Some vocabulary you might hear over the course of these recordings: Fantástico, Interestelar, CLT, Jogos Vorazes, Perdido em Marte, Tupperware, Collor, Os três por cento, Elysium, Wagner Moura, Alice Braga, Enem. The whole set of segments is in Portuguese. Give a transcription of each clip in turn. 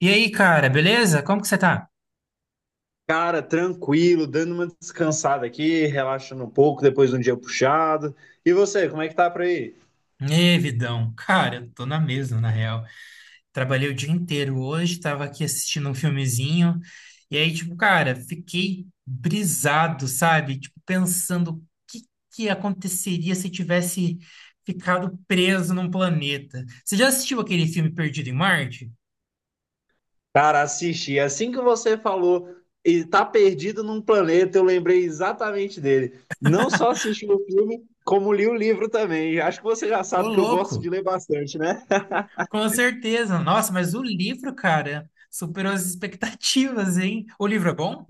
E aí, cara, beleza? Como que você tá? Cara, tranquilo, dando uma descansada aqui, relaxando um pouco depois de um dia puxado. E você, como é que tá por aí? Ê, vidão. Cara, eu tô na mesma, na real. Trabalhei o dia inteiro hoje, tava aqui assistindo um filmezinho. E aí, tipo, cara, fiquei brisado, sabe? Tipo, pensando o que que aconteceria se eu tivesse ficado preso num planeta. Você já assistiu aquele filme Perdido em Marte? Cara, assisti. Assim que você falou, ele tá perdido num planeta, eu lembrei exatamente dele. Não só assisti o filme, como li o livro também. Acho que você já Ô, sabe que eu gosto de louco! ler bastante, né? Com certeza. Nossa, mas o livro, cara, superou as expectativas, hein? O livro é bom?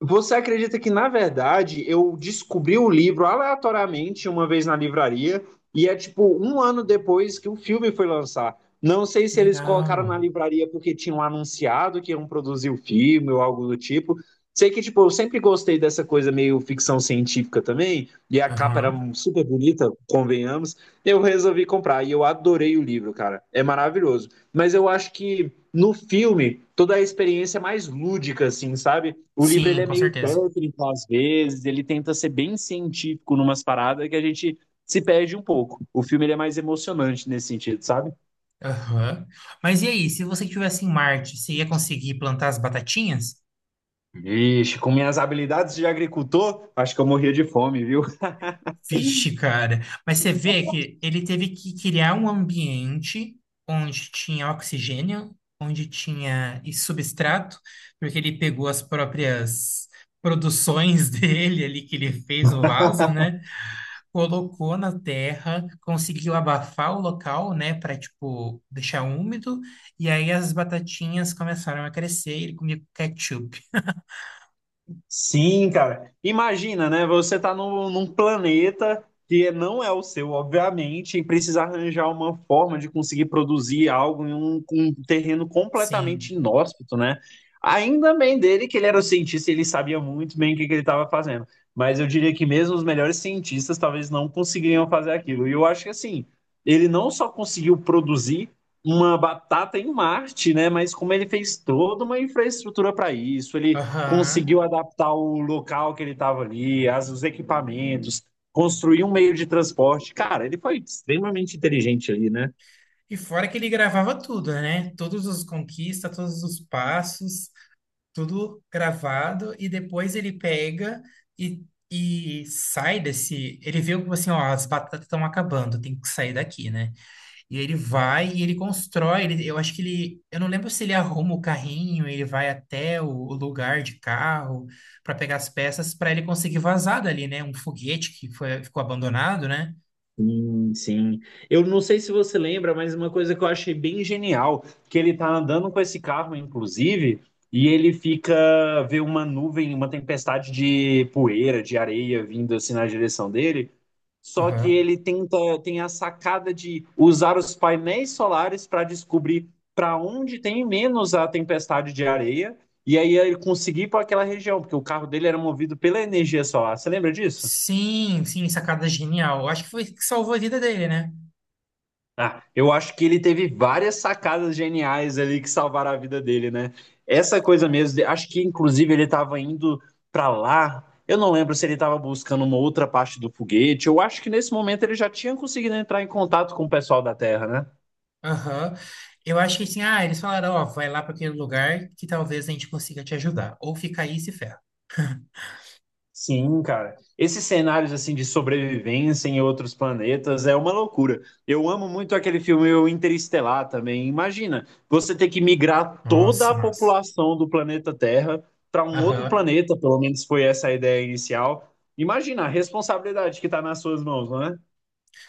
Você acredita que, na verdade, eu descobri o livro aleatoriamente uma vez na livraria, e é tipo um ano depois que o filme foi lançar. Não sei Que se eles colocaram na legal. livraria porque tinham anunciado que iam produzir o filme ou algo do tipo. Sei que, tipo, eu sempre gostei dessa coisa meio ficção científica também, e a capa era Aham. super bonita, convenhamos. Eu resolvi comprar e eu adorei o livro, cara. É maravilhoso. Mas eu acho que no filme, toda a experiência é mais lúdica, assim, sabe? O livro ele Sim, é com meio certeza. técnico às vezes, ele tenta ser bem científico numas paradas que a gente se perde um pouco. O filme ele é mais emocionante nesse sentido, sabe? Aham. Mas e aí, se você estivesse em Marte, você ia conseguir plantar as batatinhas? Vixe, com minhas habilidades de agricultor, acho que eu morria de fome, viu? Vixe, cara. Mas você vê que ele teve que criar um ambiente onde tinha oxigênio, onde tinha e substrato, porque ele pegou as próprias produções dele ali que ele fez no vaso, né? Colocou na terra, conseguiu abafar o local, né, para tipo deixar úmido, e aí as batatinhas começaram a crescer e ele comia com ketchup. Sim, cara. Imagina, né? Você tá num planeta que não é o seu, obviamente, e precisa arranjar uma forma de conseguir produzir algo em um terreno completamente Sim. inóspito, né? Ainda bem dele que ele era o cientista, e ele sabia muito bem o que, que ele estava fazendo. Mas eu diria que mesmo os melhores cientistas talvez não conseguiriam fazer aquilo. E eu acho que assim, ele não só conseguiu produzir uma batata em Marte, né? Mas como ele fez toda uma infraestrutura para isso, ele Aham. conseguiu adaptar o local que ele estava ali, as, os equipamentos, construir um meio de transporte. Cara, ele foi extremamente inteligente ali, né? E fora que ele gravava tudo, né? Todos os conquistas, todos os passos, tudo gravado, e depois ele pega e E sai desse. Ele viu que assim, ó, as batatas estão acabando, tem que sair daqui, né? E ele vai e ele constrói. Eu acho que ele. Eu não lembro se ele arruma o carrinho, ele vai até o lugar de carro para pegar as peças para ele conseguir vazar dali, né? Um foguete que foi, ficou abandonado, né? Sim, sim. Eu não sei se você lembra, mas uma coisa que eu achei bem genial, que ele tá andando com esse carro, inclusive, e ele fica vê uma nuvem, uma tempestade de poeira, de areia vindo assim na direção dele. Só que Aham. ele tenta Tem a sacada de usar os painéis solares para descobrir para onde tem menos a tempestade de areia e aí ele conseguir ir para aquela região, porque o carro dele era movido pela energia solar. Você lembra disso? Sim, sacada genial. Eu acho que foi isso que salvou a vida dele, né? Ah, eu acho que ele teve várias sacadas geniais ali que salvaram a vida dele, né? Essa coisa mesmo, acho que inclusive ele estava indo para lá. Eu não lembro se ele estava buscando uma outra parte do foguete. Eu acho que nesse momento ele já tinha conseguido entrar em contato com o pessoal da Terra, né? Aham. Eu acho que assim, ah, eles falaram, ó, vai lá para aquele lugar que talvez a gente consiga te ajudar. Ou fica aí e se ferra. Sim, cara. Esses cenários assim de sobrevivência em outros planetas é uma loucura. Eu amo muito aquele filme o Interestelar também. Imagina, você ter que migrar toda Nossa, a massa. população do planeta Terra para um outro Aham. planeta, pelo menos foi essa a ideia inicial. Imagina a responsabilidade que está nas suas mãos, não é?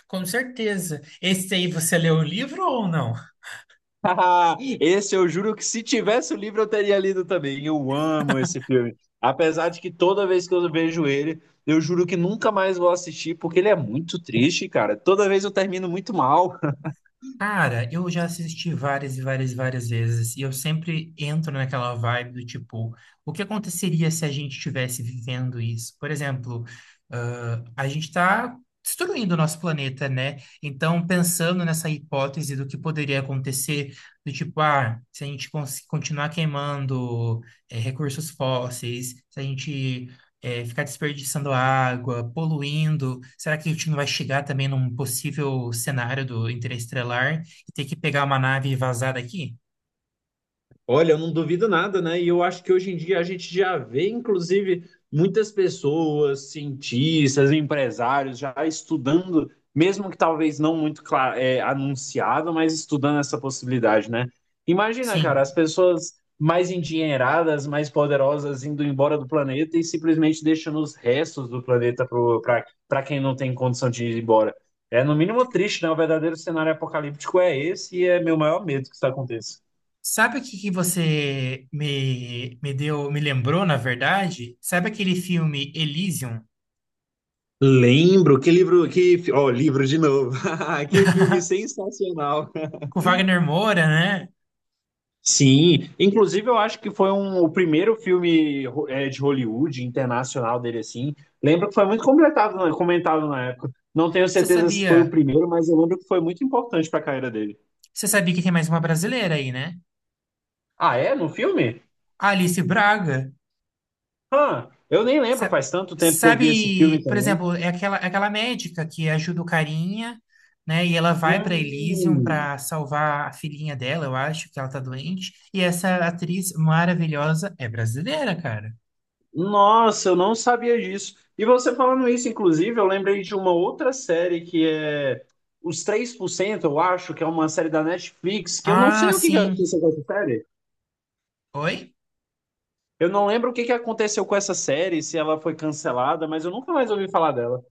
Com certeza. Esse aí você leu o livro ou não? Esse eu juro que se tivesse o livro eu teria lido também. Eu amo esse filme. Apesar de que toda vez que eu vejo ele, eu juro que nunca mais vou assistir, porque ele é muito triste, cara. Toda vez eu termino muito mal. Cara, eu já assisti várias e várias e várias vezes, e eu sempre entro naquela vibe do tipo, o que aconteceria se a gente estivesse vivendo isso? Por exemplo, ah, a gente está destruindo o nosso planeta, né? Então, pensando nessa hipótese do que poderia acontecer, do tipo, ah, se a gente continuar queimando, recursos fósseis, se a gente é, ficar desperdiçando água, poluindo? Será que a gente não vai chegar também num possível cenário do interestelar e ter que pegar uma nave e vazar daqui? Olha, eu não duvido nada, né? E eu acho que hoje em dia a gente já vê, inclusive, muitas pessoas, cientistas, empresários, já estudando, mesmo que talvez não muito anunciado, mas estudando essa possibilidade, né? Imagina, cara, as Sim. pessoas mais endinheiradas, mais poderosas indo embora do planeta e simplesmente deixando os restos do planeta para quem não tem condição de ir embora. É no mínimo triste, né? O verdadeiro cenário apocalíptico é esse e é meu maior medo que isso aconteça. Sabe o que que você me deu, me lembrou, na verdade? Sabe aquele filme Elysium, Lembro, que livro, ó, livro de novo. Que filme sensacional. com o Wagner Moura, né? Sim, inclusive eu acho que foi um, o primeiro filme de Hollywood internacional dele assim. Lembro que foi muito completado, né, comentado na época. Não tenho Você certeza se foi o sabia, primeiro, mas eu lembro que foi muito importante para a carreira dele. você sabia que tem mais uma brasileira aí, né? Ah, é? No filme? A Alice Braga. Ah, eu nem lembro, Sa- faz tanto tempo que eu vi esse filme Sabe, por também. exemplo, é aquela médica que ajuda o carinha, né? E ela vai para Elysium Hum. para salvar a filhinha dela, eu acho que ela tá doente. E essa atriz maravilhosa é brasileira, cara. Nossa, eu não sabia disso. E você falando isso, inclusive, eu lembrei de uma outra série que é Os 3%. Eu acho, que é uma série da Netflix, que eu não Ah, sei o que que sim. aconteceu com essa série. Oi? Eu não lembro o que que aconteceu com essa série, se ela foi cancelada, mas eu nunca mais ouvi falar dela.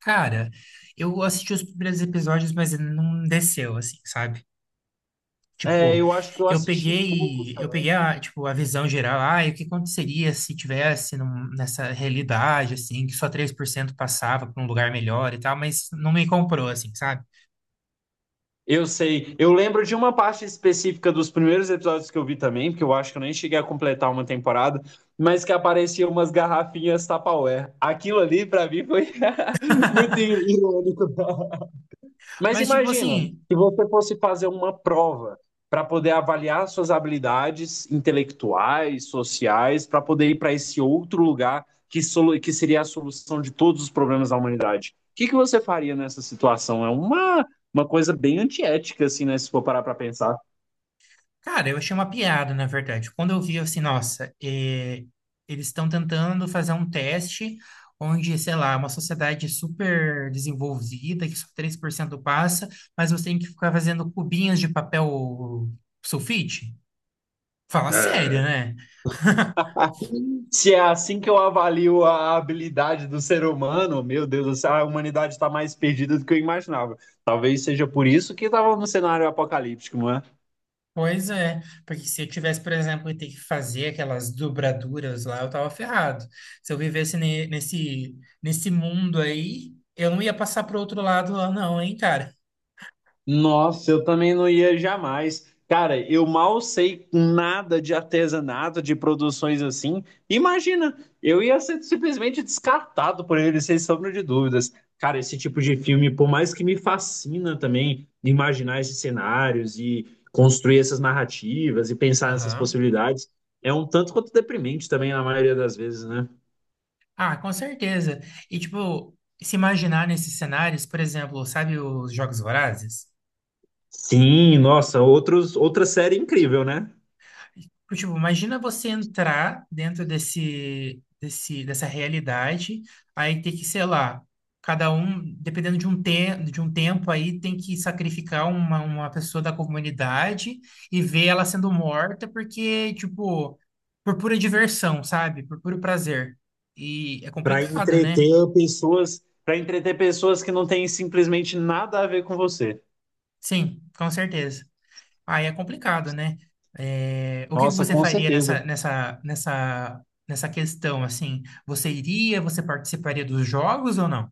Cara, eu assisti os primeiros episódios, mas não desceu, assim, sabe? É, Tipo, eu acho que eu eu assisti pouco. peguei, eu peguei a, tipo, a visão geral, ah, e o que aconteceria se tivesse nessa realidade, assim, que só 3% passava para um lugar melhor e tal, mas não me comprou, assim, sabe? Eu sei. Eu lembro de uma parte específica dos primeiros episódios que eu vi também, porque eu acho que eu nem cheguei a completar uma temporada, mas que apareciam umas garrafinhas Tupperware. Aquilo ali, pra mim, foi muito irônico. Mas Mas, tipo imagina, assim, se você fosse fazer uma prova para poder avaliar suas habilidades intelectuais, sociais, para poder ir para esse outro lugar que, que seria a solução de todos os problemas da humanidade. O que que você faria nessa situação? É uma coisa bem antiética, assim, né? Se for parar para pensar. cara, eu achei uma piada, na verdade. Quando eu vi, eu assim, nossa, eles estão tentando fazer um teste onde, sei lá, uma sociedade super desenvolvida, que só 3% passa, mas você tem que ficar fazendo cubinhos de papel sulfite. Fala sério, É, né? se é assim que eu avalio a habilidade do ser humano, meu Deus, do céu, a humanidade está mais perdida do que eu imaginava. Talvez seja por isso que estava no cenário apocalíptico, não é? Pois é, porque se eu tivesse, por exemplo, ter que fazer aquelas dobraduras lá, eu tava ferrado. Se eu vivesse nesse, nesse mundo aí, eu não ia passar pro outro lado lá, não, hein, cara? Nossa, eu também não ia jamais. Cara, eu mal sei nada de artesanato, de produções assim. Imagina, eu ia ser simplesmente descartado por ele, sem sombra de dúvidas. Cara, esse tipo de filme, por mais que me fascina também imaginar esses cenários e construir essas narrativas e pensar nessas Aham. possibilidades, é um tanto quanto deprimente também na maioria das vezes, né? Ah, com certeza. E, tipo, se imaginar nesses cenários, por exemplo, sabe os Jogos Vorazes? Sim, nossa, outra série incrível, né? Tipo, imagina você entrar dentro desse, dessa realidade, aí tem que, sei lá, cada um, dependendo de um, te de um tempo, aí tem que sacrificar uma pessoa da comunidade e ver ela sendo morta, porque, tipo, por pura diversão, sabe? Por puro prazer. E é Para complicado, né? entreter pessoas, para entreter pessoas que não têm simplesmente nada a ver com você. Sim, com certeza. Aí é complicado, né? É, o que que Nossa, você com faria certeza. Nessa questão, assim? Você iria, você participaria dos jogos ou não?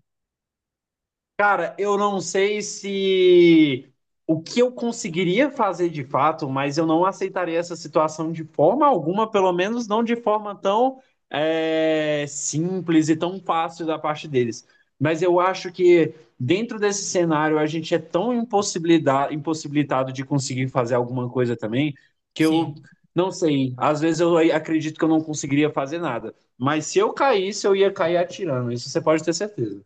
Cara, eu não sei se o que eu conseguiria fazer de fato, mas eu não aceitaria essa situação de forma alguma, pelo menos não de forma tão simples e tão fácil da parte deles. Mas eu acho que dentro desse cenário a gente é tão impossibilitado de conseguir fazer alguma coisa também, que eu Sim, não sei. Às vezes eu acredito que eu não conseguiria fazer nada. Mas se eu caísse, eu ia cair atirando. Isso você pode ter certeza.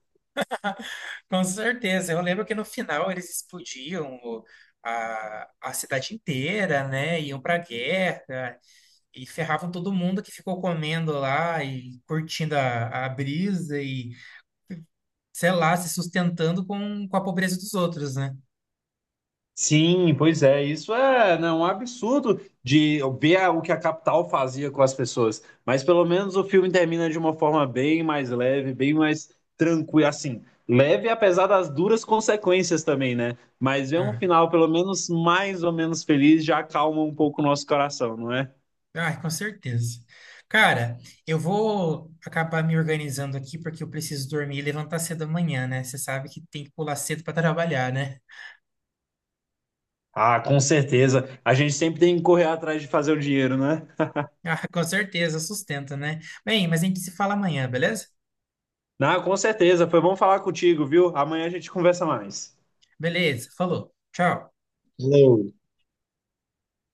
com certeza. Eu lembro que no final eles explodiam a cidade inteira, né? Iam pra guerra e ferravam todo mundo que ficou comendo lá e curtindo a brisa e, sei lá, se sustentando com a pobreza dos outros, né? Sim, pois é, isso é, né, um absurdo de ver o que a capital fazia com as pessoas, mas pelo menos o filme termina de uma forma bem mais leve, bem mais tranquila, assim, leve apesar das duras consequências também, né? Mas ver um Ah. final pelo menos mais ou menos feliz já acalma um pouco o nosso coração, não é? Ah, com certeza. Cara, eu vou acabar me organizando aqui porque eu preciso dormir e levantar cedo amanhã, né? Você sabe que tem que pular cedo para trabalhar, né? Ah, com certeza. A gente sempre tem que correr atrás de fazer o dinheiro, né? Ah, com certeza, sustenta, né? Bem, mas a gente se fala amanhã, beleza? Não, com certeza. Foi bom falar contigo, viu? Amanhã a gente conversa mais. Beleza, falou. Tchau. Valeu.